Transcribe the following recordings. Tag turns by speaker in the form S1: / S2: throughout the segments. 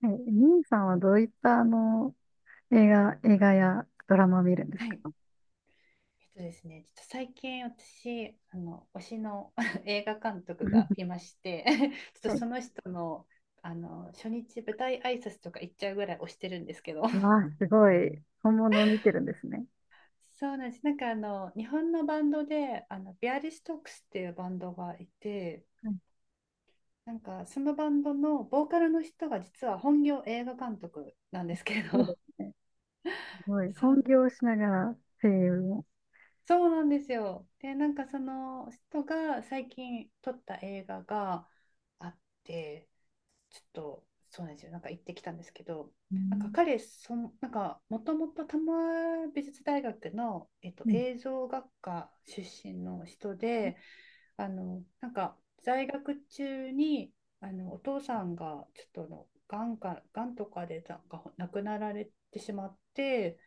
S1: はい、兄さんはどういった映画やドラマを見るんです
S2: はい。えっ
S1: か？
S2: とですね、ちょっと最近私、推しの 映画監督が いまして、ちょっと
S1: はい。
S2: その人の、初日舞台挨拶とか行っちゃうぐらい推してるんですけど、
S1: わあ、すごい。本物を見てるんですね。
S2: そうなんです。日本のバンドで、ビアリストックスっていうバンドがいて、
S1: はい、
S2: なんかそのバンドのボーカルの人が実は本業映画監督なんですけ
S1: そうで
S2: ど、
S1: すね。すごい。
S2: そう
S1: 本業をしながら声優も。
S2: そうなんですよ。で、なんかその人が最近撮った映画があって、ちょっとそうなんですよ。なんか行ってきたんですけど、
S1: う
S2: なんか
S1: ん、
S2: 彼、その、なんかもともと多摩美術大学の、
S1: うん、
S2: 映
S1: 素
S2: 像学科出身の人で、なんか在学中に、お父さんがちょっとの、がんか、がんとかでなんか亡くなられてしまって、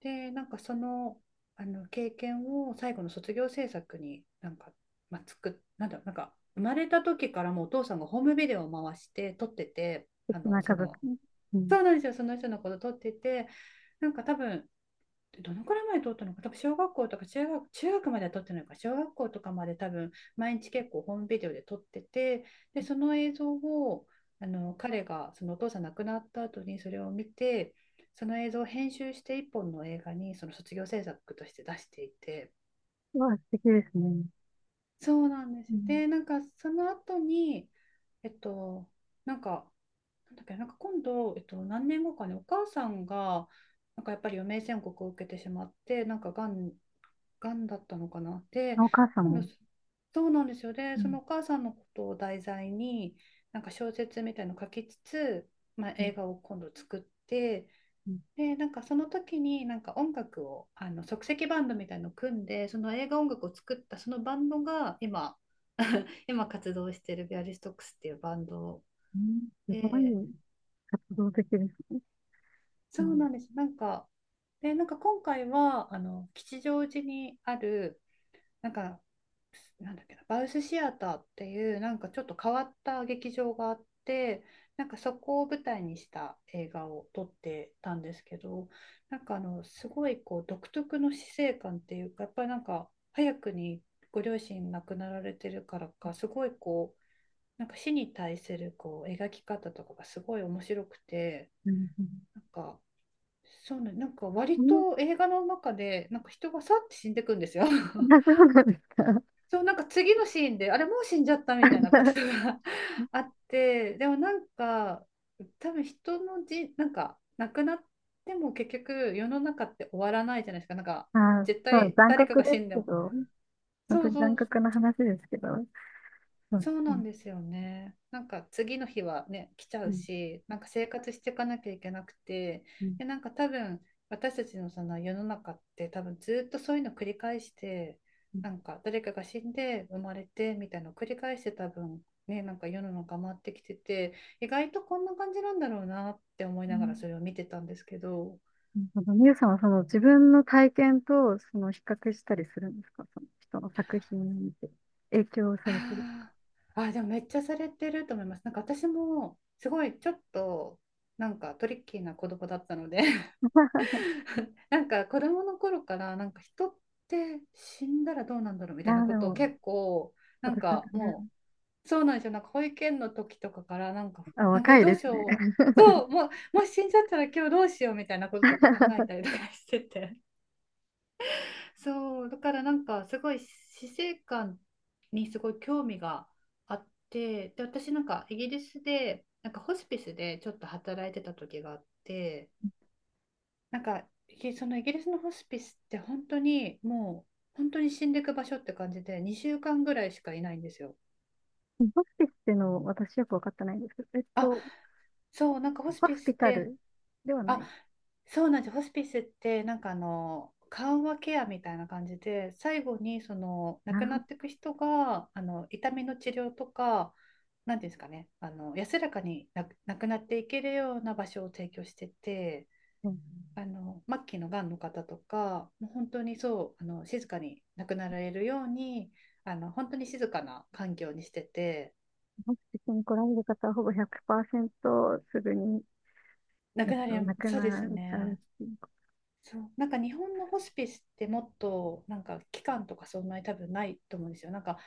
S2: で、なんかその、あの経験を最後の卒業制作になんか、まあ、つく、なんだろう、なんか生まれた時からもうお父さんがホームビデオを回して撮ってて、
S1: 敵な家族。うん。
S2: そうなんですよ、その人のこと撮ってて、なんか多分でどのくらいまで取ったのか、多分小学校とか中学までは取ってないのか、小学校とかまで多分毎日結構ホームビデオで撮ってて、で、その映像をあの彼がそのお父さん亡くなった後にそれを見て、その映像を編集して一本の映画にその卒業制作として出していて、
S1: わあ、素敵ですね。
S2: そうなんです
S1: う
S2: よ。
S1: ん、
S2: で、なんかその後に、えっと、なんかなんか今度、何年後かね、お母さんが、なんかやっぱり余命宣告を受けてしまって、がんだったのかな。で、
S1: お母さん
S2: 今度、
S1: も。
S2: そうなんですよ。で、
S1: う
S2: そ
S1: ん、
S2: のお母さんのことを題材に、なんか小説みたいのを書きつつ、まあ、
S1: うん、
S2: 映画を今度作って、
S1: うん、
S2: で、なんかその時になんか音楽を、あの即席バンドみたいのを組んで、その映画音楽を作ったそのバンドが今活動しているビアリストックスっていうバンド
S1: うん、すご
S2: で、
S1: い、活動的ですね。う
S2: そう
S1: ん、
S2: なんです。なんか、で、なんか今回は、吉祥寺にある、なんか、なんだっけな、バウスシアターっていう、なんかちょっと変わった劇場があって、なんかそこを舞台にした映画を撮ってたんですけど、すごいこう、独特の死生観っていうか、やっぱりなんか、早くにご両親亡くなられてるからか、すごいこう、なんか死に対するこう、描き方とかがすごい面白くて、
S1: うん、
S2: なんか、そうね、なんか割
S1: うん。うん、
S2: と映画の中で、なんか人がさって死んでくんですよ。
S1: あ、そうなんですか。
S2: そう、なんか次のシーンで、あれもう死んじゃったみたいなこと が あって、でもなんか、多分人のじ、なんか亡くなっても結局世の中って終わらないじゃないですか。なんか
S1: あ、
S2: 絶
S1: そう、
S2: 対
S1: 残
S2: 誰か
S1: 酷
S2: が
S1: で
S2: 死
S1: す
S2: んで
S1: け
S2: も。
S1: ど。本
S2: そ
S1: 当
S2: う
S1: に
S2: そ
S1: 残
S2: う
S1: 酷な話ですけど。そう、
S2: そう
S1: う
S2: なん
S1: ん、
S2: ですよね。なんか次の日はね、来ちゃ
S1: う
S2: う
S1: ん、
S2: し、なんか生活していかなきゃいけなくて、
S1: うん、
S2: で、なんか多分私たちのその世の中って多分ずっとそういうの繰り返して、
S1: うん。
S2: なんか誰かが死んで生まれてみたいなのを繰り返して多分ね、なんか世の中回ってきてて、意外とこんな感じなんだろうなって思い
S1: う
S2: ながら
S1: ん、
S2: それを見てたんですけど、
S1: なるほど。みゆさんはその自分の体験とその比較したりするんですか？その人の作品を見て影響されてる。
S2: あでもめっちゃされてると思います。なんか私もすごいちょっとなんかトリッキーな子供だったので なんか子供の頃からなんか人って死んだらどうなんだろうみ
S1: い
S2: た
S1: や
S2: いなこ
S1: で
S2: とを
S1: も、
S2: 結構なん
S1: 私は
S2: か
S1: 全
S2: も
S1: 然。
S2: うそうなんですよなんか保育園の時とかからなんか
S1: あ、
S2: なんかえ
S1: 若い
S2: どう
S1: で
S2: し
S1: すね。
S2: ようそうもうもし死んじゃったら今日どうしようみたいなこととか考えた りとかしてて そうだからなんかすごい死生観にすごい興味があってで私なんかイギリスでなんかホスピスでちょっと働いてた時があって。なんか、そのイギリスのホスピスって本当にもう本当に死んでいく場所って感じで2週間ぐらいしかいないんですよ。
S1: ホスピスっていうのを私よく分かってないんですけど、えっ
S2: あ、
S1: と、
S2: そう、なんかホ
S1: ホ
S2: スピ
S1: ス
S2: ス
S1: ピ
S2: っ
S1: タ
S2: て、
S1: ルではな
S2: あ、
S1: い。
S2: そうなんですホスピスってなんかあの緩和ケアみたいな感じで最後にその亡
S1: な
S2: く
S1: る
S2: な
S1: ほ
S2: っ
S1: ど。
S2: ていく人があの痛みの治療とか何ていうんですかねあの安らかにな亡くなっていけるような場所を提供してて。
S1: うん、
S2: あの末期のがんの方とかもう本当にそうあの静かに亡くなられるようにあの本当に静かな環境にしてて
S1: ホスピスに来られる方はほぼ100%すぐに、
S2: 亡
S1: えっ
S2: くな
S1: と、
S2: り
S1: 亡く
S2: そうです
S1: なっちゃうっ
S2: ね
S1: ていうこ
S2: そう、なんか日本のホスピスってもっとなんか期間とかそんなに多分ないと思うんですよ。なんか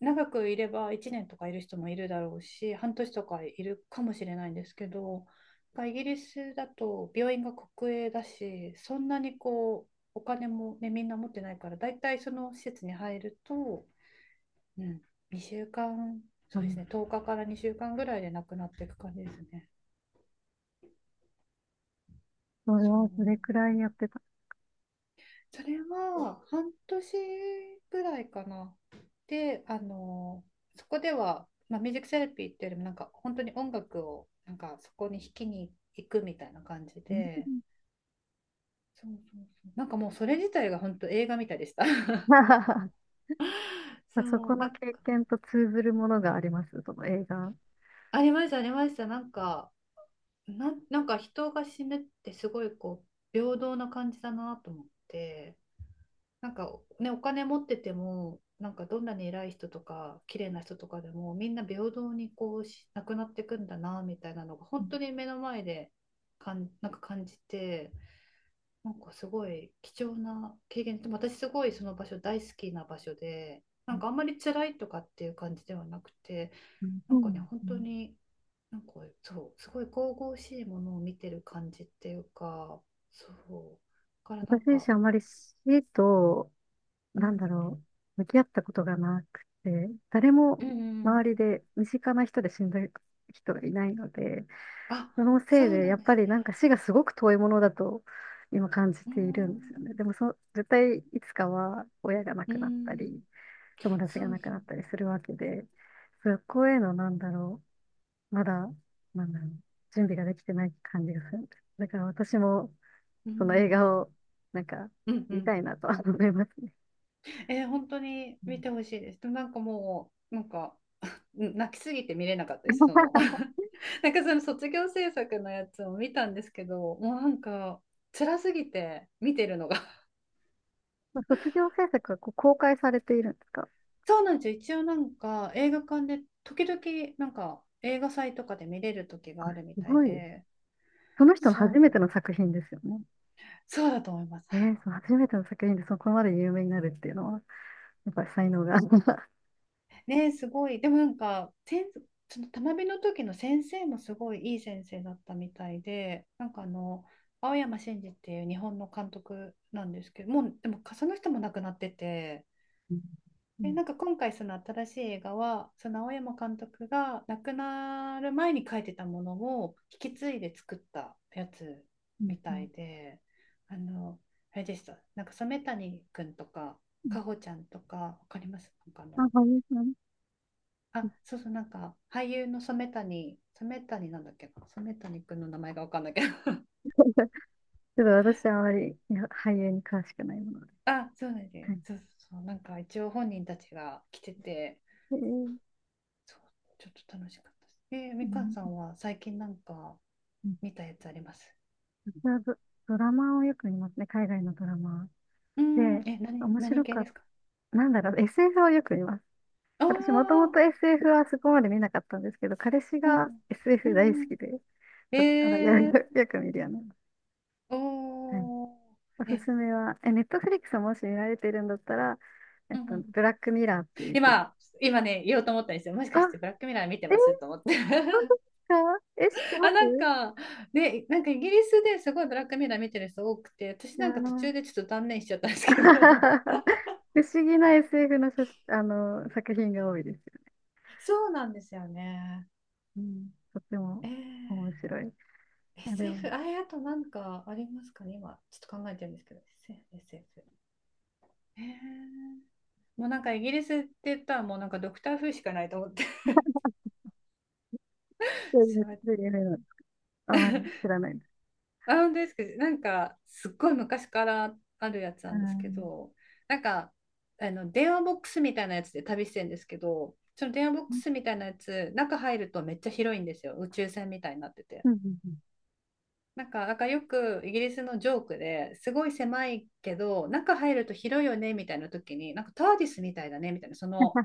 S2: 長くいれば1年とかいる人もいるだろうし、半年とかいるかもしれないんですけど、なんかイギリスだと病院が国営だし、そんなにこうお金もね、みんな持ってないから、だいたいその施設に入ると、うん、2週間、そ
S1: と。
S2: うですね、10日から2週間ぐらいで亡くなっていく感じですね。
S1: それ
S2: そ
S1: はそれく
S2: う。
S1: らいやってた。
S2: それは半年ぐらいかな。で、あのそこでは、まあ、ミュージックセラピーっていうよりもなんか本当に音楽をなんかそこに弾きに行くみたいな感じ
S1: うん。
S2: で、そうなんかもうそれ自体が本当映画みたいでした。
S1: そ
S2: そ
S1: こ
S2: う、な
S1: の
S2: んか
S1: 経験と通ずるものがあります、その映画。
S2: ありました。なんかなんか人が死ぬってすごいこう平等な感じだなと思って。なんかね、お金持ってても、なんかどんなに偉い人とか、綺麗な人とかでも、みんな平等にこうし、なくなっていくんだな、みたいなのが、本当に目の前でなんか感じて、なんかすごい貴重な経験で、私すごいその場所大好きな場所で、
S1: う
S2: なんかあんまり辛いとかっていう感じではなくて、
S1: ん、
S2: な
S1: そ
S2: ん
S1: うな
S2: か
S1: ん
S2: ね、
S1: で
S2: 本
S1: すね。
S2: 当に、なんかそう、すごい神々しいものを見てる感じっていうか、そう、だからなん
S1: 私自
S2: か、
S1: 身あまり死と、
S2: う
S1: なん
S2: ん、
S1: だろ、向き合ったことがなくて、誰も
S2: うんうん
S1: 周りで身近な人で死んだ人がいないので、
S2: あ、
S1: その
S2: そ
S1: せい
S2: う
S1: で
S2: な
S1: や
S2: ん
S1: っ
S2: ですね。
S1: ぱりなんか死がすごく遠いものだと今感じ
S2: うー
S1: ているんですよ
S2: ん、
S1: ね。でもそ、絶対いつかは親が亡
S2: うー
S1: くなった
S2: ん、
S1: り、友達
S2: そ
S1: が
S2: う
S1: 亡く
S2: そ
S1: な
S2: う。
S1: ったりするわけで、そこへのなんだろう、まだ、なんだろう、準備ができてない感じがするんです。だから私も、
S2: うー
S1: その映
S2: ん、
S1: 画を、なんか、
S2: うん、う
S1: 見
S2: ん。
S1: たいなとは 思いますね。
S2: えー本当に
S1: う
S2: 見
S1: ん、
S2: てほしいです。でもなんかもう、なんか、うん泣きすぎて見れなかったです。その、なんかその卒業制作のやつを見たんですけど、もうなんか、辛すぎて見てるのが。
S1: まあ卒業制作がこう公開されているんですか？
S2: そうなんですよ。一応なんか、映画館で、時々、なんか、映画祭とかで見れる時があるみ
S1: す
S2: たい
S1: ごい。
S2: で、
S1: その人の
S2: そうなん
S1: 初めて
S2: だ。
S1: の作品ですよね。
S2: そうだと思います。
S1: えー、その初めての作品でそこまで有名になるっていうのは、やっぱり才能が。
S2: ね、すごい。でもなんか、そのたまびの時の先生もすごいいい先生だったみたいで、なんかあの、青山真司っていう日本の監督なんですけど、もう、でもその人も亡くなってて、
S1: うん、う
S2: で、
S1: ん、
S2: なんか今回その新しい映画は、その青山監督が亡くなる前に書いてたものを引き継いで作ったやつ
S1: うん、
S2: み
S1: う
S2: た
S1: ん、
S2: いで、あの、あれでした。染谷くんとか、
S1: うん、
S2: かほちゃんとか、わかります？
S1: あ、俳優さん。
S2: あ、そうそう、なんか、俳優の染谷、染谷なんだっけな、染谷くんの名前がわかんないけど。
S1: ちょっと私はあまり、いや、俳優に詳しくないもので。
S2: あ、そうなんで
S1: はい。
S2: す。そうそうそう、なんか一応本人たちが来てて、
S1: えー、
S2: そう、ちょっと楽しかったです。
S1: う
S2: みかん
S1: ん、
S2: さんは最近なんか
S1: うん、
S2: 見たやつあります？
S1: 私はド、ドラマをよく見ますね。海外のドラマ。
S2: うー
S1: で、
S2: ん、え、何、
S1: 面
S2: 何
S1: 白
S2: 系
S1: か
S2: で
S1: っ
S2: すか？
S1: た。なんだろう、SF をよく見ます。私もとも
S2: ああ、
S1: と SF はそこまで見なかったんですけど、彼氏
S2: う
S1: が
S2: ん、う
S1: SF 大好
S2: ん、うん。
S1: きで、そこからよ、
S2: えー、
S1: よく見るようになります。はい。
S2: お
S1: お
S2: ー、
S1: す
S2: え、
S1: すめは、え、ネットフリックスもし見られてるんだったら、えっ
S2: うん、う
S1: と、
S2: ん。
S1: ブラックミラーっていうフィ、
S2: 今、今ね、言おうと思ったんですよ。もし
S1: あ、
S2: かしてブラックミラー見て
S1: えー、
S2: ますと思って。
S1: 本当で すか？え、知って
S2: あ、
S1: ま
S2: なん
S1: す？
S2: か、ね、なんかイギリスですごいブラックミラー見てる人多くて、私
S1: い
S2: な
S1: や
S2: んか途
S1: ー
S2: 中でちょっと断念しちゃったんですけど。
S1: 不思議な SF の写真、あの、作品が多いです。
S2: そうなんですよね。
S1: うん、とっても
S2: えー、
S1: 面白い。あれは、
S2: SF、あれ、あとなんかありますかね、今、ちょっと考えてるんですけど、SF、SF。へえ、もうなんかイギリスって言ったらもうなんかドクター風しかないと思って。
S1: そうで
S2: そ
S1: す、
S2: う、
S1: そういう夢なの。あまり知らないです。
S2: あ、本当ですか？なんか、すっごい昔からあるやつ
S1: あ
S2: なんですけ
S1: ー、
S2: ど、なんか、あの、電話ボックスみたいなやつで旅してるんですけど、その電話ボッ
S1: う
S2: ク
S1: ん、
S2: スみたいなやつ、中入るとめっちゃ広いんですよ。宇宙船みたいになってて。
S1: うん、うん、
S2: なんかよくイギリスのジョークですごい狭いけど、中入ると広いよねみたいな時に、なんかターディスみたいだねみたいな、その、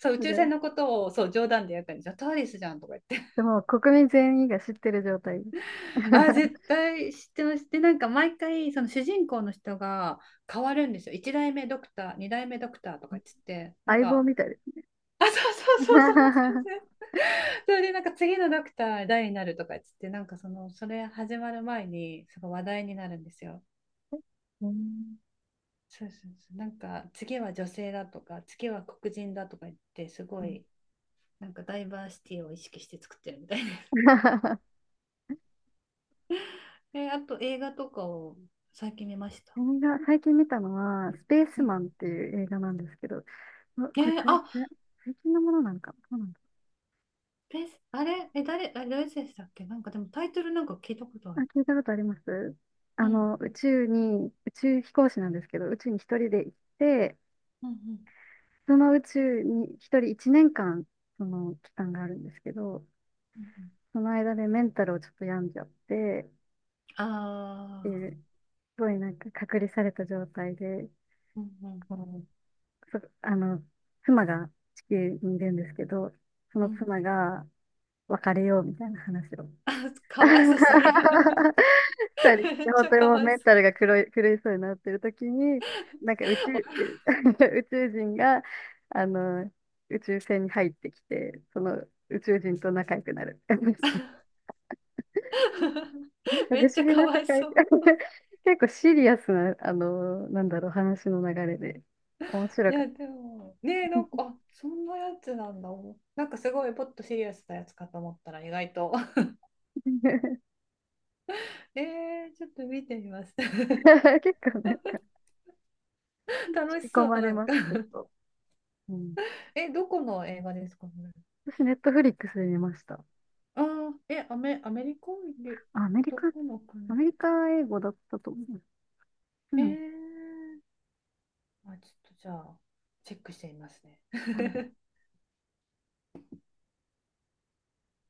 S2: そう、宇
S1: そ
S2: 宙
S1: れ、
S2: 船のことをそう冗談でやったんですよ。ターディスじゃんとか言って。
S1: でも国民全員が知ってる状態です。
S2: あ、絶 対知ってます。で、なんか毎回、その主人公の人が変わるんですよ。1代目ドクター、2代目ドクターとか言ってて、なん
S1: 相棒
S2: か、
S1: みたいです。
S2: あ、そうそうそう、そんな感じ。それで、なんか次のドクター誰になるとか言ってて、なんかその、それ始まる前に、すごい話題になるんですよ。
S1: うん。
S2: そうそうそう。なんか、次は女性だとか、次は黒人だとか言って、すごい、なんかダイバーシティを意識して作ってるみたいです。え、あと映画とかを最近見ました？
S1: 映画、最近見たのは、スペース
S2: う
S1: マ
S2: ん。
S1: ンっていう映画なんですけど、うわこれ、最
S2: あ、
S1: 近最近のものなのかな、どうなんだ。
S2: ペース、あれ、え、誰、あれ、ロイセンスだっけ、なんかでもタイトルなんか聞いたことあ
S1: あ、
S2: る。
S1: 聞いたことあります。
S2: う
S1: あ
S2: ん、
S1: の、宇宙に、宇宙飛行士なんですけど、宇宙に一人で行って、
S2: うん、うん、
S1: その宇宙に一人一年間、その期間があるんですけど、
S2: うん。
S1: その間でメンタルをちょっと病んじゃって、
S2: あ
S1: っていう、すごいなんか隔離された状態で、
S2: あー、うん、うん、
S1: こう、そあの、妻が地球にいるんですけど、そ
S2: う
S1: の
S2: ん。
S1: 妻が別れようみたいな話を。
S2: あ、かわいそうすぎる。
S1: たり、
S2: めっち
S1: 本
S2: ゃ
S1: 当に
S2: か
S1: もう
S2: わい
S1: メ
S2: そう。
S1: ンタルが狂いそうになってる時に、なんか宇宙、宇宙人が、あの、宇宙船に入ってきて、その宇宙人と仲良くなる。なん か
S2: め
S1: 不
S2: っち
S1: 思
S2: ゃ
S1: 議
S2: か
S1: な
S2: わ
S1: 世
S2: い
S1: 界。
S2: そう。
S1: 結構シリアスな、あの、なんだろう、話の流れで、面白
S2: い
S1: かっ
S2: や
S1: た。
S2: でもねえ、なんか、あ、そんなやつなんだ。なんかすごいポッとシリアスなやつかと思ったら意外と えちょっと見てみます。
S1: 結構なんか、
S2: 楽し
S1: 引き込
S2: そう。
S1: ま
S2: な
S1: れ
S2: ん
S1: ま
S2: か、
S1: す、結構。うん、
S2: え、どこの映画ですかね？
S1: 私、ネットフリックスで見ました。
S2: ああ、え、アメリカで、
S1: あ、アメリ
S2: ど
S1: カ、
S2: この
S1: ア
S2: 国？
S1: メリカ英語だったと思う。う
S2: え
S1: ん。
S2: ー、あ、ちょっとじゃあ、チェックしてみますね。
S1: はい。